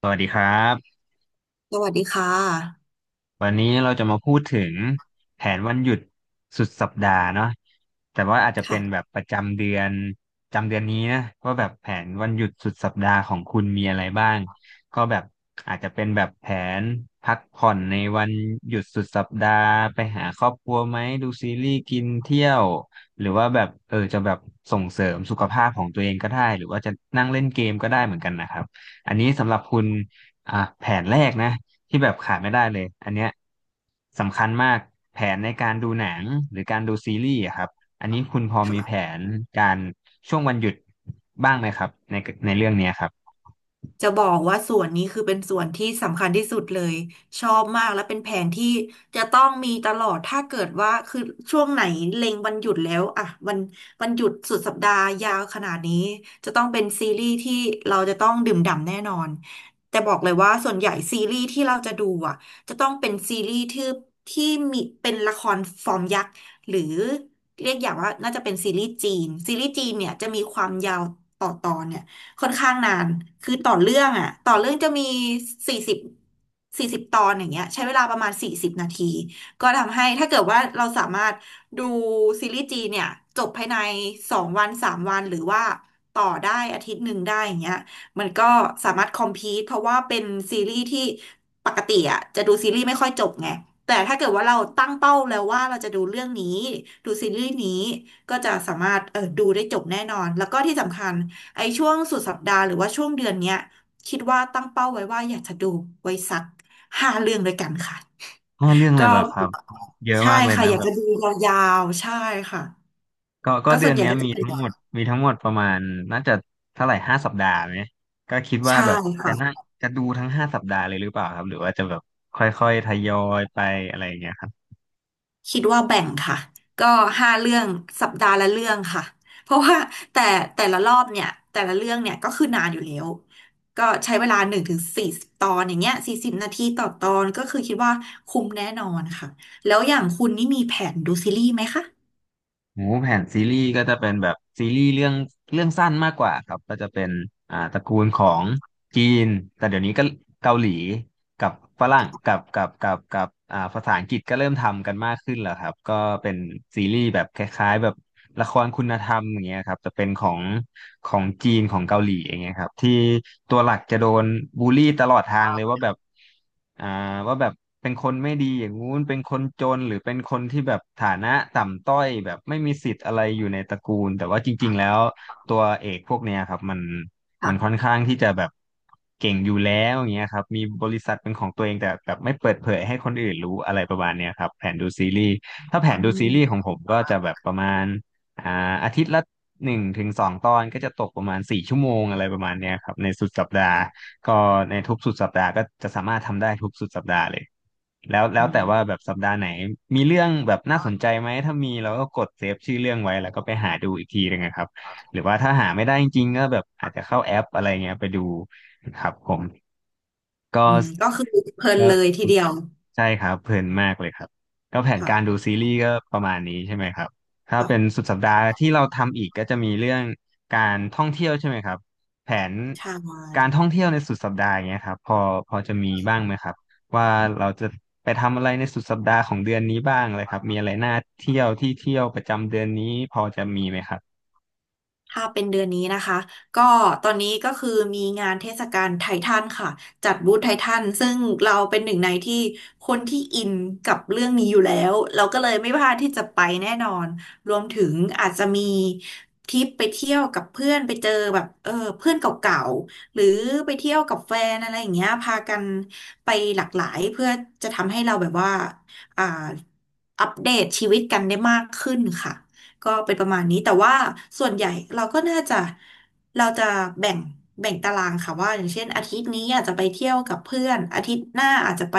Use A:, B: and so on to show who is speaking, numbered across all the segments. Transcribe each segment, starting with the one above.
A: สวัสดีครับ
B: สวัสดีค่ะ
A: วันนี้เราจะมาพูดถึงแผนวันหยุดสุดสัปดาห์เนาะแต่ว่าอาจจะเป็นแบ
B: ค่ะ
A: บประจำเดือนประจำเดือนนี้นะว่าแบบแผนวันหยุดสุดสัปดาห์ของคุณมีอะไรบ้างก็แบบอาจจะเป็นแบบแผนพักผ่อนในวันหยุดสุดสัปดาห์ไปหาครอบครัวไหมดูซีรีส์กินเที่ยวหรือว่าแบบเออจะแบบส่งเสริมสุขภาพของตัวเองก็ได้หรือว่าจะนั่งเล่นเกมก็ได้เหมือนกันนะครับอันนี้สำหรับคุณ อ่ะแผนแรกนะที่แบบขาดไม่ได้เลยอันเนี้ยสำคัญมากแผนในการดูหนังหรือการดูซีรีส์อะครับอันนี้คุณพอมีแผ
B: ค่ะ
A: นการช่วงวันหยุดบ้างไหมครับในเรื่องเนี้ยครับ
B: จะบอกว่าส่วนนี้คือเป็นส่วนที่สำคัญที่สุดเลยชอบมากและเป็นแผนที่จะต้องมีตลอดถ้าเกิดว่าคือช่วงไหนเล็งวันหยุดแล้วอะวันหยุดสุดสัปดาห์ยาวขนาดนี้จะต้องเป็นซีรีส์ที่เราจะต้องดื่มด่ำแน่นอนแต่บอกเลยว่าส่วนใหญ่ซีรีส์ที่เราจะดูอะจะต้องเป็นซีรีส์ที่มีเป็นละครฟอร์มยักษ์หรือเรียกอย่างว่าน่าจะเป็นซีรีส์จีนซีรีส์จีนเนี่ยจะมีความยาวต่อตอนเนี่ย ค่อนข้างนาน คือต่อเรื่องอ่ะต่อเรื่องจะมีสี่สิบสี่สิบตอนอย่างเงี้ยใช้เวลาประมาณสี่สิบนาทีก็ทำให้ถ้าเกิดว่าเราสามารถดูซีรีส์จีนเนี่ยจบภายใน2 วัน3 วันหรือว่าต่อได้อาทิตย์หนึ่งได้อย่างเงี้ยมันก็สามารถคอมพีทเพราะว่าเป็นซีรีส์ที่ปกติอ่ะจะดูซีรีส์ไม่ค่อยจบไงแต่ถ้าเกิดว่าเราตั้งเป้าแล้วว่าเราจะดูเรื่องนี้ดูซีรีส์นี้ก็จะสามารถดูได้จบแน่นอนแล้วก็ที่สำคัญ ไอ้ช่วงสุดสัปดาห์หรือว่าช่วงเดือนเนี้ยคิดว่าตั้งเป้าไว้ว่าอยากจะดูไว้สักห้าเรื่องด้วยกันค่ะ
A: ห้าเรื่องเลย
B: ก็
A: เหรอครับเยอะ
B: ใช่
A: มากเลย
B: ค่ะ
A: นะ
B: อยาก
A: แบ
B: จะ
A: บ
B: ดูยาวๆใช่ค่ะ
A: ก็
B: ก็
A: เดื
B: ส่ว
A: อน
B: นใหญ่
A: เนี้ย
B: ก็จะ
A: มี
B: เป็น
A: ทั้งหมดประมาณน่าจะเท่าไหร่ห้าสัปดาห์ไหมก็คิดว่า
B: ใช่
A: แบบจะ
B: ค่ะ
A: น่าจะดูทั้งห้าสัปดาห์เลยหรือเปล่าครับหรือว่าจะแบบค่อยๆทยอยไปอะไรอย่างเงี้ยครับ
B: คิดว่าแบ่งค่ะก็ห้าเรื่องสัปดาห์ละเรื่องค่ะเพราะว่าแต่แต่ละรอบเนี่ยแต่ละเรื่องเนี่ยก็คือนานอยู่แล้วก็ใช้เวลา1 ถึง 40 ตอนอย่างเงี้ยสี่สิบนาทีต่อตอนก็คือคิดว่าคุ้มแน่นอนค่ะแล้วอย่างคุณนี่มีแผนดูซีรีส์ไหมคะ
A: โอ้แผนซีรีส์ก็จะเป็นแบบซีรีส์เรื่องสั้นมากกว่าครับ ก็จะเป็นตระกูลของจีน แต่เดี๋ยวนี้ก็เกาหลีกับฝรั่งกับภาษาอังกฤษก็เริ่มทำกันมากขึ้นแล้วครับ ก็เป็นซีรีส์แบบคล้ายๆแบบ ละครคุณธรรมอย่างเงี้ยครับจะเป็นของจีนของเกาหลีอย่างเงี้ยครับที่ตัวหลักจะโดนบูลลี่ตลอดทางเลยว่าแบบอ่าว่าแบบเป็นคนไม่ดีอย่างงู้นเป็นคนจนหรือเป็นคนที่แบบฐานะต่ำต้อยแบบไม่มีสิทธิ์อะไรอยู่ในตระกูลแต่ว่าจริงๆแล้วตัวเอกพวกเนี้ยครับมันค่อ
B: ค่ะ
A: นข้างที่จะแบบเก่งอยู่แล้วอย่างเงี้ยครับมีบริษัทเป็นของตัวเองแต่แบบไม่เปิดเผยให้คนอื่นรู้อะไรประมาณเนี้ยครับแผนดูซีรีส์ถ้าแผ
B: อื
A: นดูซีรีส์ขอ
B: ม
A: งผมก็จะแบบประมาณ อ่าอาทิตย์ละหนึ่งถึงสองตอนก็จะตกประมาณสี่ชั่วโมงอะไรประมาณเนี้ยครับในสุดสัปดาห์ก็ในทุกสุดสัปดาห์ก็จะสามารถทำได้ทุกสุดสัปดาห์เลยแล้วแล้
B: อื
A: วแต่ว่าแบ
B: ม
A: บสัปดาห์ไหนมีเรื่องแบบน่าสนใจไหมถ้ามีเราก็กดเซฟชื่อเรื่องไว้แล้วก็ไปหาดูอีกทีหนึงนะครับหรือว่าถ้าหาไม่ได้จริงๆก็แบบอาจจะเข้าแอปอะไรเงี้ยไปดูครับผม ก็
B: อืมก็คือเพลิน
A: ก็
B: เลยทีเดียว
A: ใช่ครับเพลินมากเลยครับก็แผนการดู
B: ค่ะ
A: ซีรีส์ก็ประมาณนี้ใช่ไหมครับถ้าเป็น
B: ค่ะ
A: สุดสัปดาห์ที่เราทำอีกก็จะมีเรื่องการท่องเที่ยวใช่ไหมครับแผน
B: ใช่
A: การท่องเที่ยวในสุดสัปดาห์อย่างเงี้ยครับพอจะมีบ้างไหมครับว่าเราจะไปทำอะไรในสุดสัปดาห์ของเดือนนี้บ้างเลยครับมีอะไรน่าเที่ยวที่เที่ยวประจำเดือนนี้พอจะมีไหมครับ
B: ถ้าเป็นเดือนนี้นะคะก็ตอนนี้ก็คือมีงานเทศกาลไททันค่ะจัดบูธไททันซึ่งเราเป็นหนึ่งในที่คนที่อินกับเรื่องนี้อยู่แล้วเราก็เลยไม่พลาดที่จะไปแน่นอนรวมถึงอาจจะมีทริปไปเที่ยวกับเพื่อนไปเจอแบบเพื่อนเก่าๆหรือไปเที่ยวกับแฟนอะไรอย่างเงี้ยพากันไปหลากหลายเพื่อจะทำให้เราแบบว่าอ่าอัปเดตชีวิตกันได้มากขึ้นค่ะ ก็เป็นประมาณนี้แต่ว่าส่วนใหญ่เราก็น่าจะเราจะแบ่งแบ่งตารางค่ะว่าอย่างเช่นอาทิตย์นี้อาจจะไปเที่ยวกับเพื่อนอาทิตย์หน้าอาจจะไป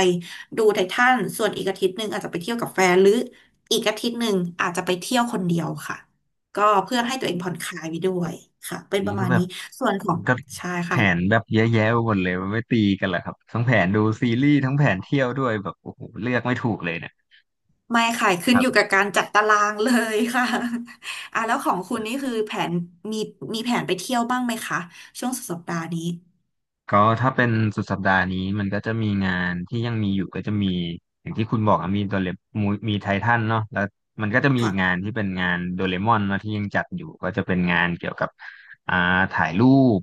B: ดูไททันส่วนอีกอาทิตย์หนึ่งอาจจะไปเที่ยวกับแฟนหรืออีกอาทิตย์หนึ่งอาจจะไปเที่ยวคนเดียวค่ะก็เพื่อให้ตัวเองผ่อนคลายไปด้วยค่ะเป็นป
A: นี้
B: ระ
A: ก็
B: มาณ
A: แบ
B: นี้
A: บ
B: ส่วนขอ
A: มั
B: ง
A: นก็
B: ใช่
A: แผน
B: ค่ะ
A: แบบเยอะแยะไปหมดเลยมันไม่ตีกันเหรอครับทั้งแผนดูซีรีส์ทั้งแผนเที่ยวด้วยแบบโอ้โหเลือกไม่ถูกเลยเนี่ย
B: ไม่ค่ะขึ้นอยู่กับการจัดตารางเลยค่ะ อ่ะแล้วของคุณนี่คือแผนมีมีแผนไปเที่ยวบ้างไหมคะช่วงสุดสัปดาห์นี้
A: ก็ถ้าเป็นสุดสัปดาห์นี้มันก็จะมีงานที่ยังมีอยู่ก็จะมีอย่างที่คุณบอกอะมีโดเรมมีไททันเนาะแล้วมันก็จะมีอีกงา
B: ค่ะ
A: นที่เป็นงานโดเรมอนเนาะที่ยังจัดอยู่ก็จะเป็นงานเกี่ยวกับอ่าถ่ายรูป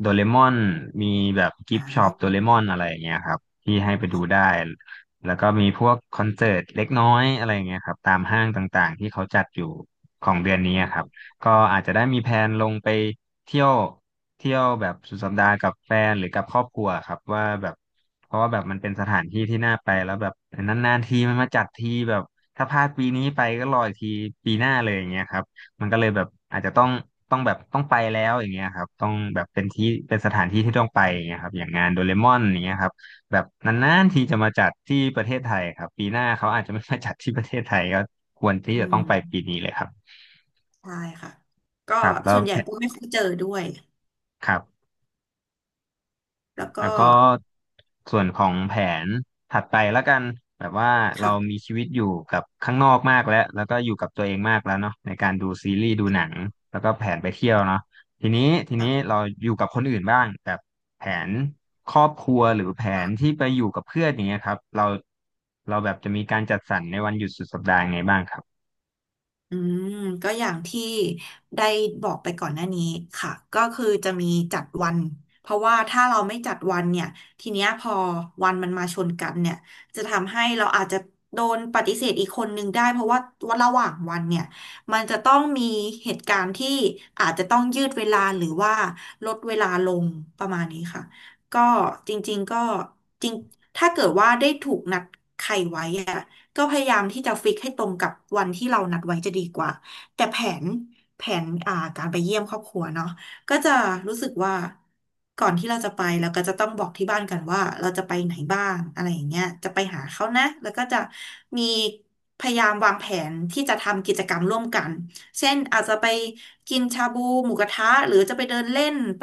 A: โดเรมอนมีแบบกิ
B: อ่
A: ฟต์ช็อป
B: า
A: โดเรมอนอะไรอย่างเงี้ยครับที่ให้ไปดู
B: ค่
A: ได้
B: ะ
A: แล้วก็มีพวกคอนเสิร์ตเล็กน้อยอะไรอย่างเงี้ยครับตามห้างต่างๆที่เขาจัดอยู่ของเดือนนี้อะครับ ก็อาจจะได้มีแผนลงไปเที่ยวแบบสุดสัปดาห์กับแฟนหรือกับครอบครัวครับว่าแบบเพราะว่าแบบมันเป็นสถานที่ที่น่าไปแล้วแบบนานๆทีมันมาจัดทีแบบถ้าพลาดปีนี้ไปก็รออีกทีปีหน้าเลยอย่างเงี้ยครับมันก็เลยแบบอาจจะต้องต้องแบบต้องไปแล้วอย่างเงี้ยครับต้องแบบเป็นที่เป็นสถานที่ที่ต้องไปอย่างเงี้ยครับอย่างงานโดเรมอนอย่างเงี้ยครับแบบนานๆทีจะมาจัดที่ประเทศไทยครับปีหน้าเขาอาจจะไม่มาจัดที่ประเทศไทยก็ควรที่
B: อื
A: จะต้องไป
B: ม
A: ปีนี้เลยครับ
B: ใช่ค่ะก็
A: ครับแล้
B: ส่
A: ว
B: วนให
A: แท
B: ญ่ก็ไม่ค่อยเจอด้วย
A: ครับ
B: แล้วก็
A: แล้วก็ส่วนของแผนถัดไปแล้วกันแบบว่าเรา
B: ค่ะ
A: มีชีวิตอยู่กับข้างนอกมากแล้วแล้วก็อยู่กับตัวเองมากแล้วเนาะในการดูซีรีส์ดูหนังแล้วก็แผนไปเที่ยวเนาะทีนี้ทีนี้
B: ค่ะ
A: เราอยู่กับคนอื่นบ้างแบบแผนครอบครัวหรือแผนที่ไปอยู่กับเพื่อนอย่างเงี้ยครับเราแบบจะมีการจัดสรรในวันหยุดสุดสัปดาห์ยังไงบ้างครับ
B: อืมก็อย่างที่ได้บอกไปก่อนหน้านี้ค่ะก็คือจะมีจัดวันเพราะว่าถ้าเราไม่จัดวันเนี่ยทีเนี้ยพอวันมันมาชนกันเนี่ยจะทำให้เราอาจจะโดนปฏิเสธอีกคนนึงได้เพราะว่าวันระหว่างวันเนี่ยมันจะต้องมีเหตุการณ์ที่อาจจะต้องยืดเวลาหรือว่าลดเวลาลงประมาณนี้ค่ะก็จริงๆก็จริงถ้าเกิดว่าได้ถูกนัดใครไว้อะ ก็พยายามที่จะฟิกให้ตรงกับวันที่เรานัดไว้จะดีกว่าแต่นแผนการไปเยี่ยมครอบครัวเนาะก็จะรู้สึกว่าก่อนที่เราจะไปเราก็จะต้องบอกที่บ้านกันว่าเราจะไปไหนบ้างอะไรอย่างเงี้ยจะไปหาเขานะแล้วก็จะมีพยายามวางแผนที่จะทำกิจกรรมร่วมกันเช่นอาจจะไปกินชาบูหมูกระทะหรือจะไปเดินเล่นไป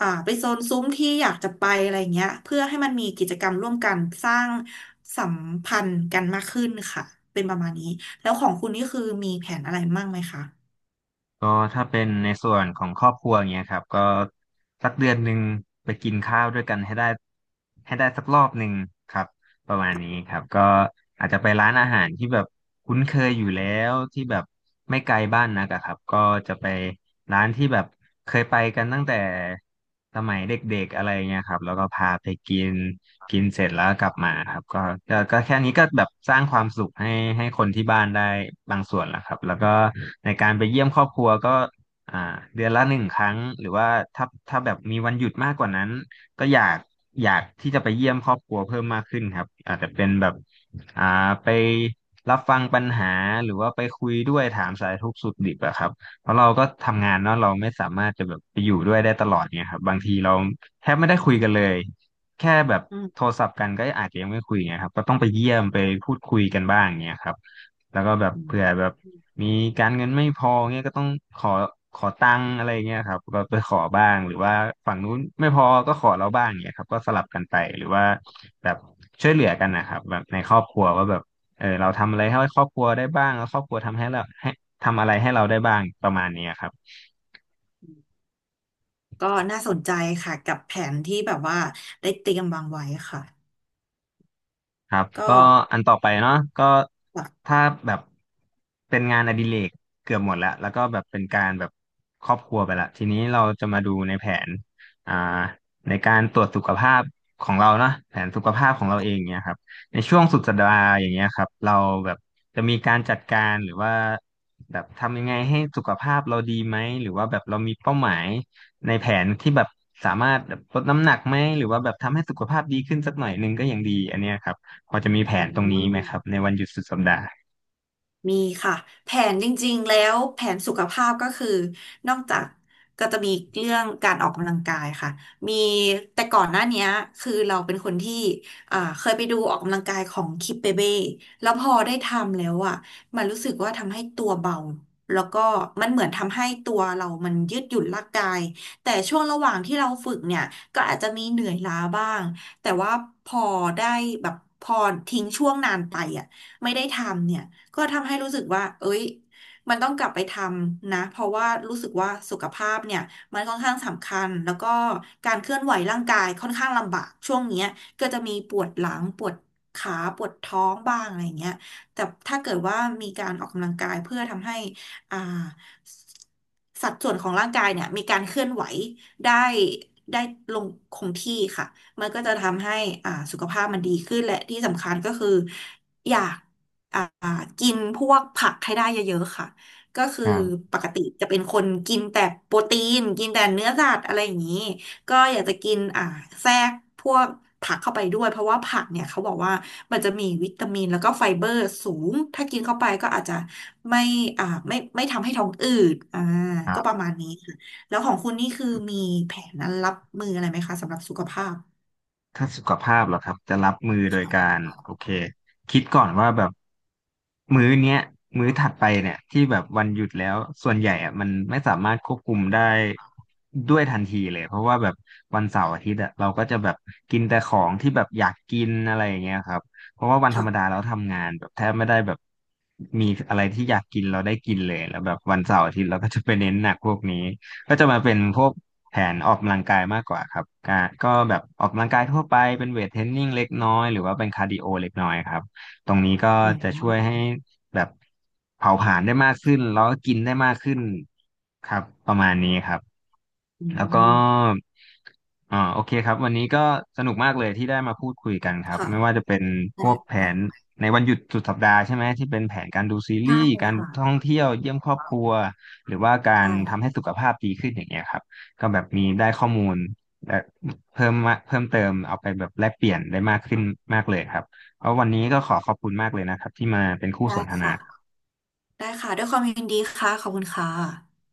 B: ไปโซนซุ้มที่อยากจะไปอะไรเงี้ยเพื่อให้มันมีกิจกรรมร่วมกันสร้างสัมพันธ์กันมากขึ้นค่ะเป็นประมาณนี้แล้วของคุณนี่คือมีแผนอะไรมั่งไหมคะ
A: ก็ถ้าเป็นในส่วนของครอบครัวอย่างเงี้ยครับก็สักเดือนหนึ่งไปกินข้าวด้วยกันให้ได้สักรอบหนึ่งครับ ประมาณนี้ครับก็อาจจะไปร้านอาหารที่แบบคุ้นเคยอยู่แล้วที่แบบไม่ไกลบ้านนักอะครับก็จะไปร้านที่แบบเคยไปกันตั้งแต่สมัยเด็กๆอะไรเงี้ยครับแล้วก็พาไปกินกินเสร็จแล้วกลับมาครับก็แค่นี้ก็แบบสร้างความสุขให้คนที่บ้านได้บางส่วนแล้วครับแล้วก็ในการไปเยี่ยมครอบครัวก็อ่าเดือนละหนึ่งครั้งหรือว่าถ้าแบบมีวันหยุดมากกว่านั้น ก็อยากที่จะไปเยี่ยมครอบครัวเพิ่มมากขึ้นครับอาจจะเป็นแบบอ่าไปรับฟังปัญหาหรือว่าไปคุยด้วยถามสารทุกข์สุขดิบอะครับเพราะเราก็ทำงานเนาะเราไม่สามารถจะแบบไปอยู่ด้วยได้ตลอดเนี่ยครับบางทีเราแทบไม่ได้คุยกันเลยแค่แบบโทรศัพท์กันก็อาจจะยังไม่คุยไงครับก็ต้องไปเยี่ยมไปพูดคุยกันบ้างเนี่ยครับแล้วก็แบบเผื่อแบบ มีการเงินไม่พอเงี้ยก็ต้องขอขอตังค์อะไรเงี้ยครับก็ไปขอบ้างหรือว่าฝั่งนู้นไม่พอก็ขอเราบ้างเงี้ยครับก็สลับกันไปหรือว่าแบบช่วยเหลือกันนะครับแบบในครอบครัวว่าแบบเออเราทำอะไรให้ครอบครัวได้บ้างแล้วครอบครัวทำให้เราให้ทำอะไรให้เราได้บ้างประมาณเนี้ยครับ
B: ก็น่าสนใจค่ะกับแผนที่แบบว่าได้เตรียมวางไว้ค่ะ
A: ครับ
B: ก็
A: ก็อันต่อไปเนาะก็
B: แบบ
A: ถ้าแบบเป็นงานอดิเรกเกือบหมดแล้วแล้วก็แบบเป็นการแบบครอบครัวไปละทีนี้เราจะมาดูในแผนอ่าในการตรวจสุขภาพของเราเนาะแผนสุขภาพของเราเองเนี่ยครับในช่วงสุดสัปดาห์อย่างเงี้ยครับเราแบบจะมีการจัดการหรือว่าแบบทำยังไงให้สุขภาพเราดีไหมหรือว่าแบบเรามีเป้าหมายในแผนที่แบบสามารถแบบลดน้ำหนักไหมหรือว่าแบบทำให้สุขภาพดีขึ้นสักหน่อยหนึงก็ยังดีอันเนี้ยครับ พอจะมีแผ
B: อื
A: นตรงนี้ไหมครับ
B: ม
A: ในวันหยุดสุดสัปดาห์
B: มีค่ะแผนจริงๆแล้วแผนสุขภาพก็คือนอกจากก็จะมีเรื่องการออกกำลังกายค่ะมีแต่ก่อนหน้าเนี้ยคือเราเป็นคนที่เคยไปดูออกกำลังกายของคิปเปเบ้แล้วพอได้ทำแล้วอ่ะมันรู้สึกว่าทำให้ตัวเบาแล้วก็มันเหมือนทำให้ตัวเรามันยืดหยุ่นร่างกายแต่ช่วงระหว่างที่เราฝึกเนี่ยก็อาจจะมีเหนื่อยล้าบ้างแต่ว่าพอได้แบบพอทิ้งช่วงนานไปอ่ะไม่ได้ทำเนี่ย ก็ทำให้รู้สึกว่า เอ้ยมันต้องกลับไปทำนะ เพราะว่ารู้สึกว่าสุขภาพเนี่ย มันค่อนข้างสำคัญ แล้วก็การเคลื่อนไหวร่างกายค่อนข้างลำบากช่วงเนี้ยก็จะมีปวดหลังปวดขาปวดท้องบ้างอะไรอย่างเงี้ย แต่ถ้าเกิดว่ามีการออกกำลังกายเพื่อทำให้อ่าสัดส่วนของร่างกายเนี่ยมีการเคลื่อนไหวได้ได้ลงคงที่ค่ะมันก็จะทำให้สุขภาพมันดีขึ้นและที่สำคัญก็คืออยาก อ่ากินพวกผักให้ได้เยอะๆค่ะก็คื
A: ค
B: อ
A: รับ
B: ปกติจะเป็นคนกินแต่โปรตีนกินแต่เนื้อสัตว์อะไรอย่างนี้ก็อยากจะกินแทรกพวกผักเข้าไปด้วยเพราะว่าผักเนี่ยเขาบอกว่ามันจะมีวิตามินแล้วก็ไฟเบอร์สูงถ้ากินเข้าไปก็อาจจะไม่ไม่ทำให้ท้องอืด
A: ครั
B: ก็ประ
A: บ
B: มาณนี้ค่ะแล้วของคุณนี่คือมีแผนนั้นรับมืออะไรไหมคะสำหรับสุขภาพ
A: ถ้าสุขภาพเหรอครับจะรับมือโดยกา
B: ค่ะ
A: รโอเคคิดก่อนว่าแบบมื้อเนี้ยมื้อถัดไปเนี่ยที่แบบวันหยุดแล้วส่วนใหญ่อะมันไม่สามารถควบคุมได้ด้วยทันทีเลยเพราะว่าแบบวันเสาร์อาทิตย์อะเราก็จะแบบกินแต่ของที่แบบอยากกินอะไรอย่างเงี้ยครับเพราะว่าวันธรรมดา
B: ค่ะ
A: เราทำงานแบบแทบไม่ได้แบบมีอะไรที่อยากกินเราได้กินเลยแล้วแบบวันเสาร์อาทิตย์เราก็จะไปเน้นหนักพวกนี้ ก็จะมาเป็นพวกแผนออกกำลังกายมากกว่าครับกก็แบบออกกำลังกายทั่วไปเป็นเวทเทรนนิ่งเล็กน้อยหรือว่าเป็นคาร์ดิโอเล็กน้อยครับตรงนี้ก็
B: อื
A: จะช่วย
B: ม
A: ให้แบบเผาผลาญได้มากขึ้นแล้วก็กินได้มากขึ้นครับประมาณนี้ครับ
B: อื
A: แล้วก็
B: ม
A: โอเคครับวันนี้ก็สนุกมากเลยที่ได้มาพูดคุยกันครับ
B: ค่ะ
A: ไม่ว่าจะเป็นพ
B: ได้
A: วกแผน
B: ค่ะ
A: ในวันหยุดสุดสัปดาห์ใช่ไหมที่เป็นแผนการดูซีรี
B: ใช่
A: ส์การ
B: ค่ะ
A: ท่องเที่ยวเยี่ยมครอบครัวหรือว่าการทำ
B: ได้
A: ให้สุขภาพดีขึ้นอย่างเงี้ยครับก็แบบมีได้ข้อมูลและเพิ่มมาเพิ่มเติมเอาไปแบบแลกเปลี่ยนได้มากขึ้นมากเลยครับเพราะวันนี้ก็ขอขอบคุณมากเลยนะครับที่มาเป็นคู่ส
B: ได้
A: นทนา
B: ค่ะ ได้ค่ะ ด้วยความยินดีค่ะ ขอบคุณค่ะ